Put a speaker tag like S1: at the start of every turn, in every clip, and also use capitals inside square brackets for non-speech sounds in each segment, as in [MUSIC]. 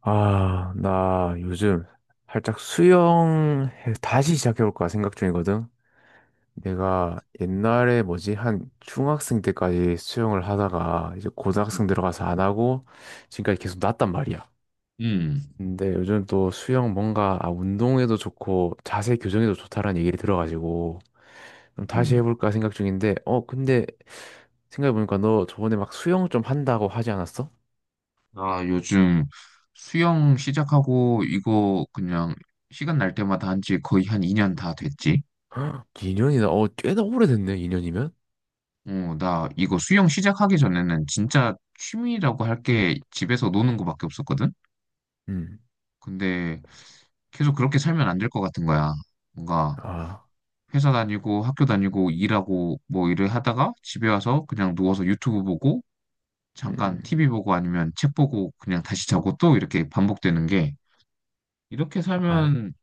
S1: 아, 나 요즘 살짝 다시 시작해볼까 생각 중이거든. 내가 옛날에 뭐지, 한 중학생 때까지 수영을 하다가 이제
S2: 음,
S1: 고등학생 들어가서 안 하고 지금까지 계속 났단 말이야.
S2: 음.
S1: 근데 요즘 또 수영 뭔가 아, 운동에도 좋고 자세 교정에도 좋다라는 얘기를 들어가지고 좀 다시
S2: 음.
S1: 해볼까 생각 중인데, 근데 생각해보니까 너 저번에 막 수영 좀 한다고 하지 않았어?
S2: 나 요즘 수영 시작하고 이거 그냥 시간 날 때마다 한지 거의 한 2년 다 됐지.
S1: [GASPS] 2년이나, 어, 꽤나 오래됐네, 2년이면?
S2: 어, 나 이거 수영 시작하기 전에는 진짜 취미라고 할 게 집에서 노는 거밖에 없었거든. 근데 계속 그렇게 살면 안 될 것 같은 거야. 뭔가
S1: 아,
S2: 회사 다니고 학교 다니고 일하고 뭐 일을 하다가 집에 와서 그냥 누워서 유튜브 보고 잠깐
S1: 음,
S2: TV 보고 아니면 책 보고 그냥 다시 자고 또 이렇게 반복되는 게, 이렇게
S1: 아,
S2: 살면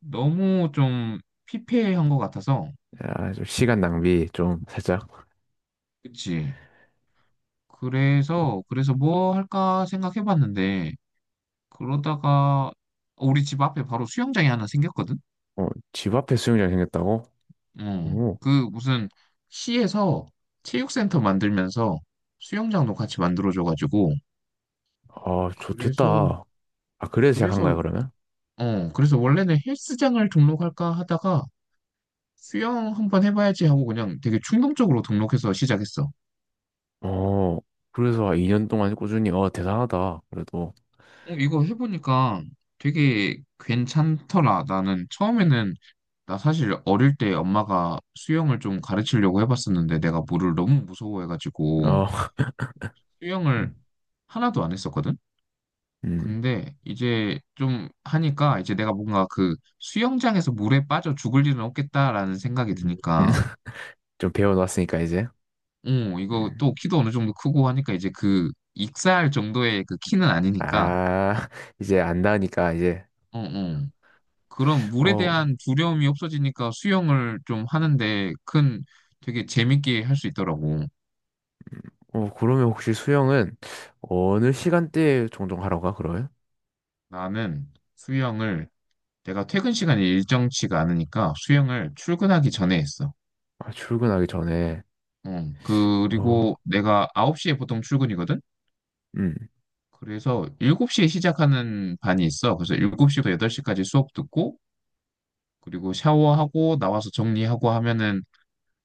S2: 너무 좀 피폐한 것 같아서.
S1: 아, 좀 시간 낭비 좀 살짝.
S2: 그치. 그래서 뭐 할까 생각해봤는데, 그러다가 우리 집 앞에 바로 수영장이 하나 생겼거든.
S1: 어, 집 앞에 수영장 생겼다고? 오,
S2: 어그 무슨 시에서 체육센터 만들면서 수영장도 같이 만들어줘가지고,
S1: 아,
S2: 그래서
S1: 좋겠다. 아, 그래서 시작한
S2: 그래서
S1: 거야, 그러면?
S2: 그래서 원래는 헬스장을 등록할까 하다가 수영 한번 해봐야지 하고 그냥 되게 충동적으로 등록해서 시작했어.
S1: 어, 그래서 2년 동안 꾸준히, 어, 대단하다. 그래도,
S2: 어, 이거 해보니까 되게 괜찮더라. 나는 처음에는 나 사실 어릴 때 엄마가 수영을 좀 가르치려고 해봤었는데 내가 물을 너무 무서워해가지고
S1: 어, [LAUGHS]
S2: 수영을
S1: 음,
S2: 하나도 안 했었거든?
S1: 음,
S2: 근데 이제 좀 하니까 이제 내가 뭔가 그 수영장에서 물에 빠져 죽을 일은 없겠다라는 생각이
S1: 음, 음.
S2: 드니까,
S1: [LAUGHS] 좀 배워놨으니까, 이제.
S2: 어, 이거
S1: 음.
S2: 또 키도 어느 정도 크고 하니까 이제 그 익사할 정도의 그 키는
S1: 아,
S2: 아니니까.
S1: [LAUGHS] 이제 안다니까, 이제.
S2: 어, 어. 그런 물에
S1: 어,
S2: 대한 두려움이 없어지니까 수영을 좀 하는데 큰 되게 재밌게 할 수 있더라고.
S1: 어, 그러면 혹시 수영은 어느 시간대에 종종 하러 가, 그러면?
S2: 나는 수영을 내가 퇴근 시간이 일정치가 않으니까 수영을 출근하기 전에 했어.
S1: 아, 출근하기 전에.
S2: 응.
S1: 어,
S2: 그리고 내가 9시에 보통 출근이거든?
S1: 음.
S2: 그래서 7시에 시작하는 반이 있어. 그래서 7시부터 8시까지 수업 듣고 그리고 샤워하고 나와서 정리하고 하면은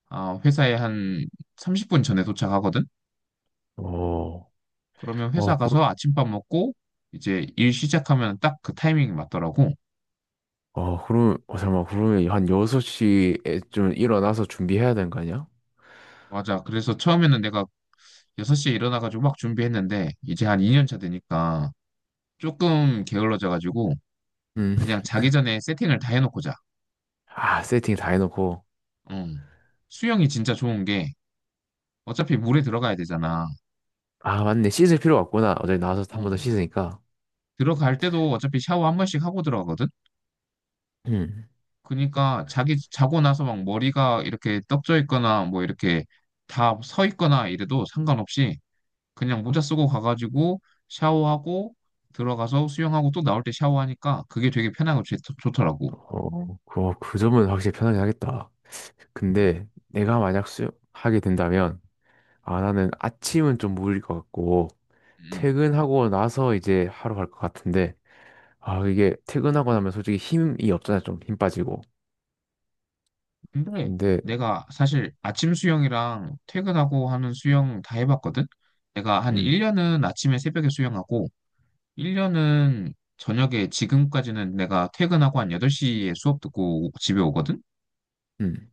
S2: 회사에 한 30분 전에 도착하거든?
S1: 어.
S2: 그러면
S1: 어,
S2: 회사
S1: 그,
S2: 가서 아침밥 먹고 이제 일 시작하면 딱 그 타이밍이 맞더라고.
S1: 그럼, 어, 잠깐만, 그러면 한 6시에 좀 일어나서 준비해야 되는 거 아니야?
S2: 맞아. 그래서 처음에는 내가 6시에 일어나가지고 막 준비했는데 이제 한 2년 차 되니까 조금 게을러져가지고
S1: 음.
S2: 그냥 자기 전에 세팅을 다 해놓고 자.
S1: 아, 세팅 다 해놓고.
S2: 음. 수영이 진짜 좋은 게 어차피 물에 들어가야 되잖아.
S1: 아, 맞네. 씻을 필요가 없구나. 어제 나와서 한 번 더
S2: 음.
S1: 씻으니까.
S2: 들어갈 때도 어차피 샤워 한 번씩 하고 들어가거든?
S1: 음.
S2: 그러니까 자기 자고 나서 막 머리가 이렇게 떡져 있거나 뭐 이렇게 다 서 있거나 이래도 상관없이 그냥 모자 쓰고 가가지고 샤워하고 들어가서 수영하고 또 나올 때 샤워하니까 그게 되게 편하고 좋더라고.
S1: 그 점은 확실히 편하긴 하겠다.
S2: 음.
S1: 근데 내가 만약 수영하게 된다면, 아, 나는 아침은 좀 무리일 것 같고,
S2: 음.
S1: 퇴근하고 나서 이제 하러 갈 것 같은데, 아, 이게 퇴근하고 나면 솔직히 힘이 없잖아. 좀 힘 빠지고.
S2: 근데
S1: 근데,
S2: 내가 사실 아침 수영이랑 퇴근하고 하는 수영 다 해봤거든? 내가 한
S1: 음,
S2: 1년은 아침에 새벽에 수영하고, 1년은 저녁에, 지금까지는 내가 퇴근하고 한 8시에 수업 듣고 집에 오거든?
S1: 음.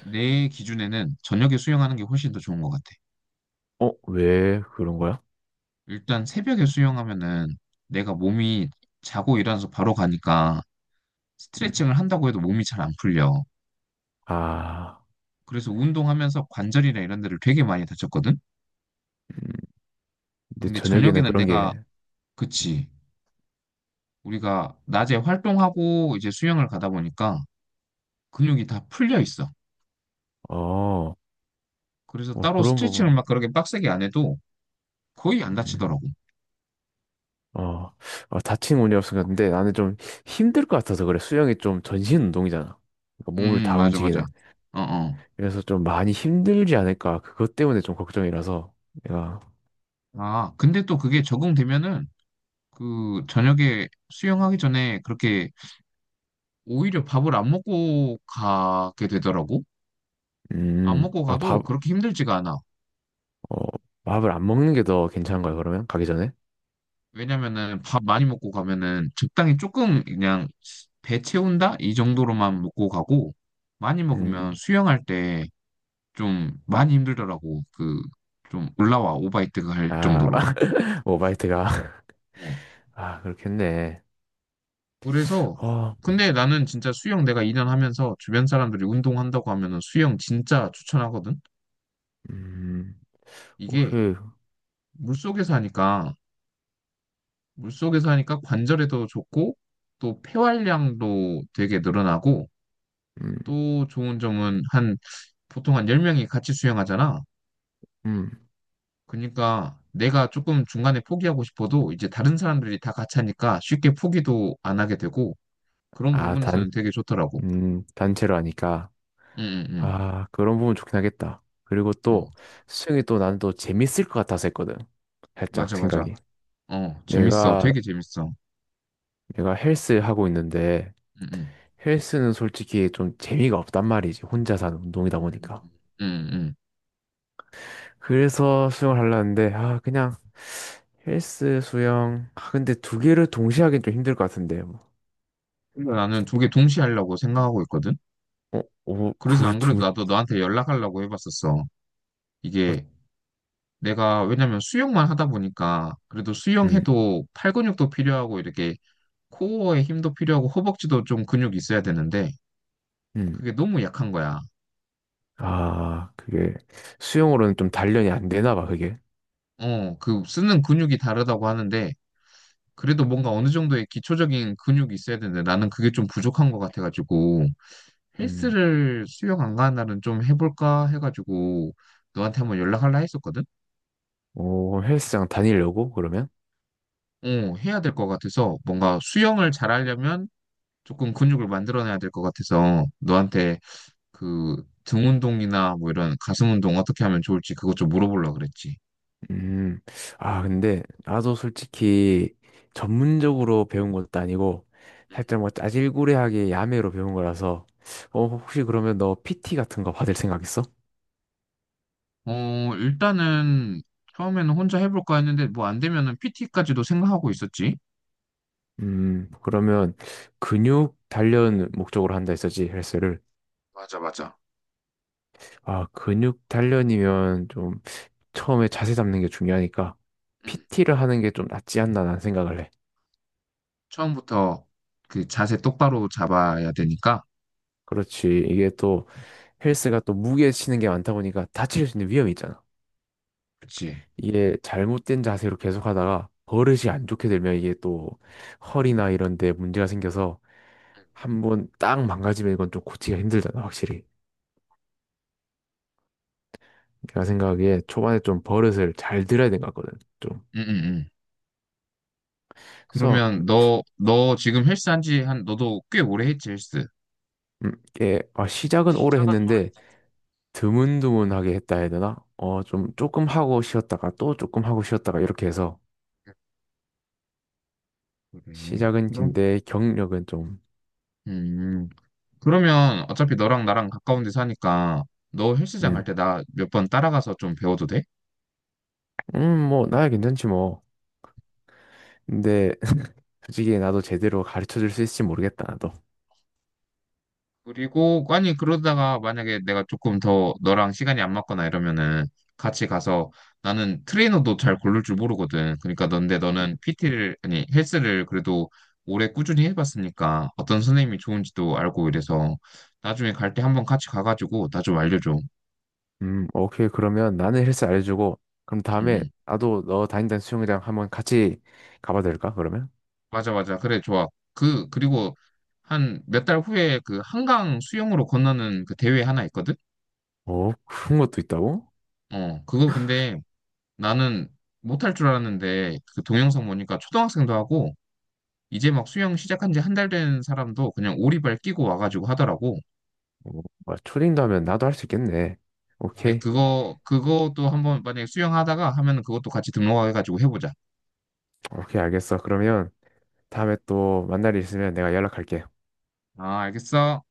S2: 내 기준에는 저녁에 수영하는 게 훨씬 더 좋은 것 같아.
S1: 어, 왜 그런 거야?
S2: 일단 새벽에 수영하면은 내가 몸이 자고 일어나서 바로 가니까
S1: 음.
S2: 스트레칭을 한다고 해도 몸이 잘 안 풀려.
S1: 아,
S2: 그래서 운동하면서 관절이나 이런 데를 되게 많이 다쳤거든?
S1: 음. 근데
S2: 근데
S1: 저녁에는
S2: 저녁에는
S1: 그런
S2: 내가,
S1: 게,
S2: 그치. 우리가 낮에 활동하고 이제 수영을 가다 보니까 근육이 다 풀려 있어.
S1: 어, 어,
S2: 그래서 따로
S1: 그런
S2: 스트레칭을
S1: 부분,
S2: 막 그렇게 빡세게 안 해도 거의 안
S1: 음.
S2: 다치더라고.
S1: 어, 어, 다친 운이 없었근데 나는 좀 힘들 것 같아서 그래. 수영이 좀 전신 운동이잖아.
S2: 음,
S1: 그러니까 몸을 다
S2: 맞아, 맞아.
S1: 움직이는.
S2: 어, 어.
S1: 그래서 좀 많이 힘들지 않을까. 그것 때문에 좀 걱정이라서 내가,
S2: 아, 근데 또 그게 적응되면은 그 저녁에 수영하기 전에 그렇게 오히려 밥을 안 먹고 가게 되더라고. 안 먹고
S1: 아,
S2: 가도
S1: 밥,
S2: 그렇게 힘들지가 않아.
S1: 어, 밥을 안 먹는 게 더 괜찮은 거야, 그러면? 가기 전에?
S2: 왜냐면은 밥 많이 먹고 가면은, 적당히 조금 그냥 배 채운다? 이 정도로만 먹고 가고, 많이 먹으면
S1: 음,
S2: 수영할 때 좀 많이 힘들더라고. 그 좀 올라와 오바이트가 할
S1: 아,
S2: 정도로.
S1: [LAUGHS] 오바이트가. [LAUGHS]
S2: 어.
S1: 아, 그렇겠네.
S2: 그래서
S1: 어,
S2: 근데 나는 진짜 수영 내가 2년 하면서 주변 사람들이 운동한다고 하면은 수영 진짜 추천하거든.
S1: 음,
S2: 이게
S1: 혹시,
S2: 물속에서 하니까 물속에서 하니까 관절에도 좋고 또 폐활량도 되게 늘어나고
S1: 음,
S2: 또 좋은 점은, 한 보통 한 10명이 같이 수영하잖아.
S1: 음.
S2: 그러니까 내가 조금 중간에 포기하고 싶어도 이제 다른 사람들이 다 같이 하니까 쉽게 포기도 안 하게 되고, 그런
S1: 아, 단,
S2: 부분에서는 되게 좋더라고.
S1: 단체로 하니까.
S2: 응, 응,
S1: 아, 그런 부분 좋긴 하겠다. 그리고
S2: 응. 응.
S1: 또, 수영이 또 나는 또 재밌을 것 같아서 했거든. 살짝
S2: 맞아, 맞아.
S1: 생각이.
S2: 어, 재밌어.
S1: 내가,
S2: 되게 재밌어.
S1: 내가 헬스 하고 있는데,
S2: 응, 응.
S1: 헬스는 솔직히 좀 재미가 없단 말이지. 혼자서 하는 운동이다
S2: 응,
S1: 보니까.
S2: 응. 응.
S1: 그래서 수영을 하려는데, 아, 그냥, 헬스, 수영. 아, 근데 두 개를 동시에 하긴 좀 힘들 것 같은데. 뭐.
S2: 근데 나는 두 개 동시에 하려고 생각하고 있거든.
S1: 어, 어,
S2: 그래서
S1: 그
S2: 안
S1: 두,
S2: 그래도 나도 너한테 연락하려고 해봤었어.
S1: 어,
S2: 이게 내가, 왜냐면 수영만 하다 보니까, 그래도
S1: 음,
S2: 수영해도 팔 근육도 필요하고 이렇게 코어에 힘도 필요하고 허벅지도 좀 근육이 있어야 되는데
S1: 음.
S2: 그게 너무 약한 거야.
S1: 아, 그게 수영으로는 좀 단련이 안 되나 봐, 그게.
S2: 그 쓰는 근육이 다르다고 하는데 그래도 뭔가 어느 정도의 기초적인 근육이 있어야 되는데 나는 그게 좀 부족한 것 같아가지고,
S1: 음.
S2: 헬스를 수영 안 가는 날은 좀 해볼까 해가지고 너한테 한번 연락할라 했었거든?
S1: 오, 헬스장 다니려고 그러면?
S2: 어, 해야 될 것 같아서, 뭔가 수영을 잘하려면 조금 근육을 만들어내야 될 것 같아서, 너한테 그 등 운동이나 뭐 이런 가슴 운동 어떻게 하면 좋을지 그것 좀 물어보려고 그랬지.
S1: 음. 아, 근데 나도 솔직히 전문적으로 배운 것도 아니고 살짝 뭐 짜질구레하게 야매로 배운 거라서 어, 혹시 그러면 너 PT 같은 거 받을 생각 있어?
S2: 응. 일단은 처음에는 혼자 해볼까 했는데 뭐 안 되면은 PT까지도 생각하고 있었지.
S1: 그러면 근육 단련 목적으로 한다 했었지, 헬스를.
S2: 맞아, 맞아.
S1: 아, 근육 단련이면 좀 처음에 자세 잡는 게 중요하니까
S2: 응.
S1: PT를 하는 게 좀 낫지 않나 난 생각을 해.
S2: 처음부터 그 자세 똑바로 잡아야 되니까.
S1: 그렇지. 이게 또 헬스가 또 무게 치는 게 많다 보니까 다칠 수 있는 위험이 있잖아.
S2: 그치. 지
S1: 이게 잘못된 자세로 계속 하다가 버릇이 안 좋게 되면 이게 또 허리나 이런 데 문제가 생겨서
S2: 응,
S1: 한번 딱 망가지면 이건 좀 고치기가 힘들잖아, 확실히. 내가 생각하기에 초반에 좀 버릇을 잘 들어야 된 것 같거든, 좀.
S2: 응, 응. 응.
S1: 그래서,
S2: 그러면 너 지금 헬스 한지 너도 꽤 오래 했지, 헬스.
S1: 이게, 아, 시작은 오래
S2: 시작은 오
S1: 했는데,
S2: 래
S1: 드문드문하게 했다 해야 되나? 어, 좀 조금 하고 쉬었다가 또 조금 하고 쉬었다가 이렇게 해서
S2: 됐네 그래.
S1: 시작은
S2: 그럼,
S1: 긴데 경력은 좀,
S2: 음, 그러면 어차피 너랑 나랑 가까운 데 사니까 너 헬스장 갈
S1: 음,
S2: 때 나 몇 번 따라가서 좀 배워도 돼?
S1: 뭐, 나야 괜찮지, 뭐. 근데, [LAUGHS] 솔직히 나도 제대로 가르쳐 줄 수 있을지 모르겠다, 나도.
S2: 그리고 아니, 그러다가 만약에 내가 조금 더 너랑 시간이 안 맞거나 이러면은 같이 가서, 나는 트레이너도 잘 고를 줄 모르거든. 그러니까 넌데 너는 PT를, 아니 헬스를 그래도 오래 꾸준히 해봤으니까 어떤 선생님이 좋은지도 알고 이래서, 나중에 갈 때 한번 같이 가가지고 나 좀 알려줘.
S1: 오케이. 그러면 나는 헬스 알려주고, 그럼 다음에
S2: 응,
S1: 나도 너 다닌다는 수영장 한번 같이 가봐도 될까, 그러면?
S2: 맞아, 맞아. 그래, 좋아. 그리고 한 몇 달 후에 그 한강 수영으로 건너는 그 대회 하나 있거든?
S1: 오, 그런 것도 있다고?
S2: 그거 근데 나는 못할 줄 알았는데 그 동영상 보니까 초등학생도 하고 이제 막 수영 시작한 지 한 달 된 사람도 그냥 오리발 끼고 와가지고 하더라고.
S1: 오, 뭐야, 초딩도 하면 나도 할 수 있겠네.
S2: 우리
S1: 오케이.
S2: 그것도 한번 만약에 수영하다가 하면은 그것도 같이 등록해가지고 해보자.
S1: 오케이, 알겠어. 그러면 다음에 또 만날 일 있으면 내가 연락할게.
S2: 아, 알겠어.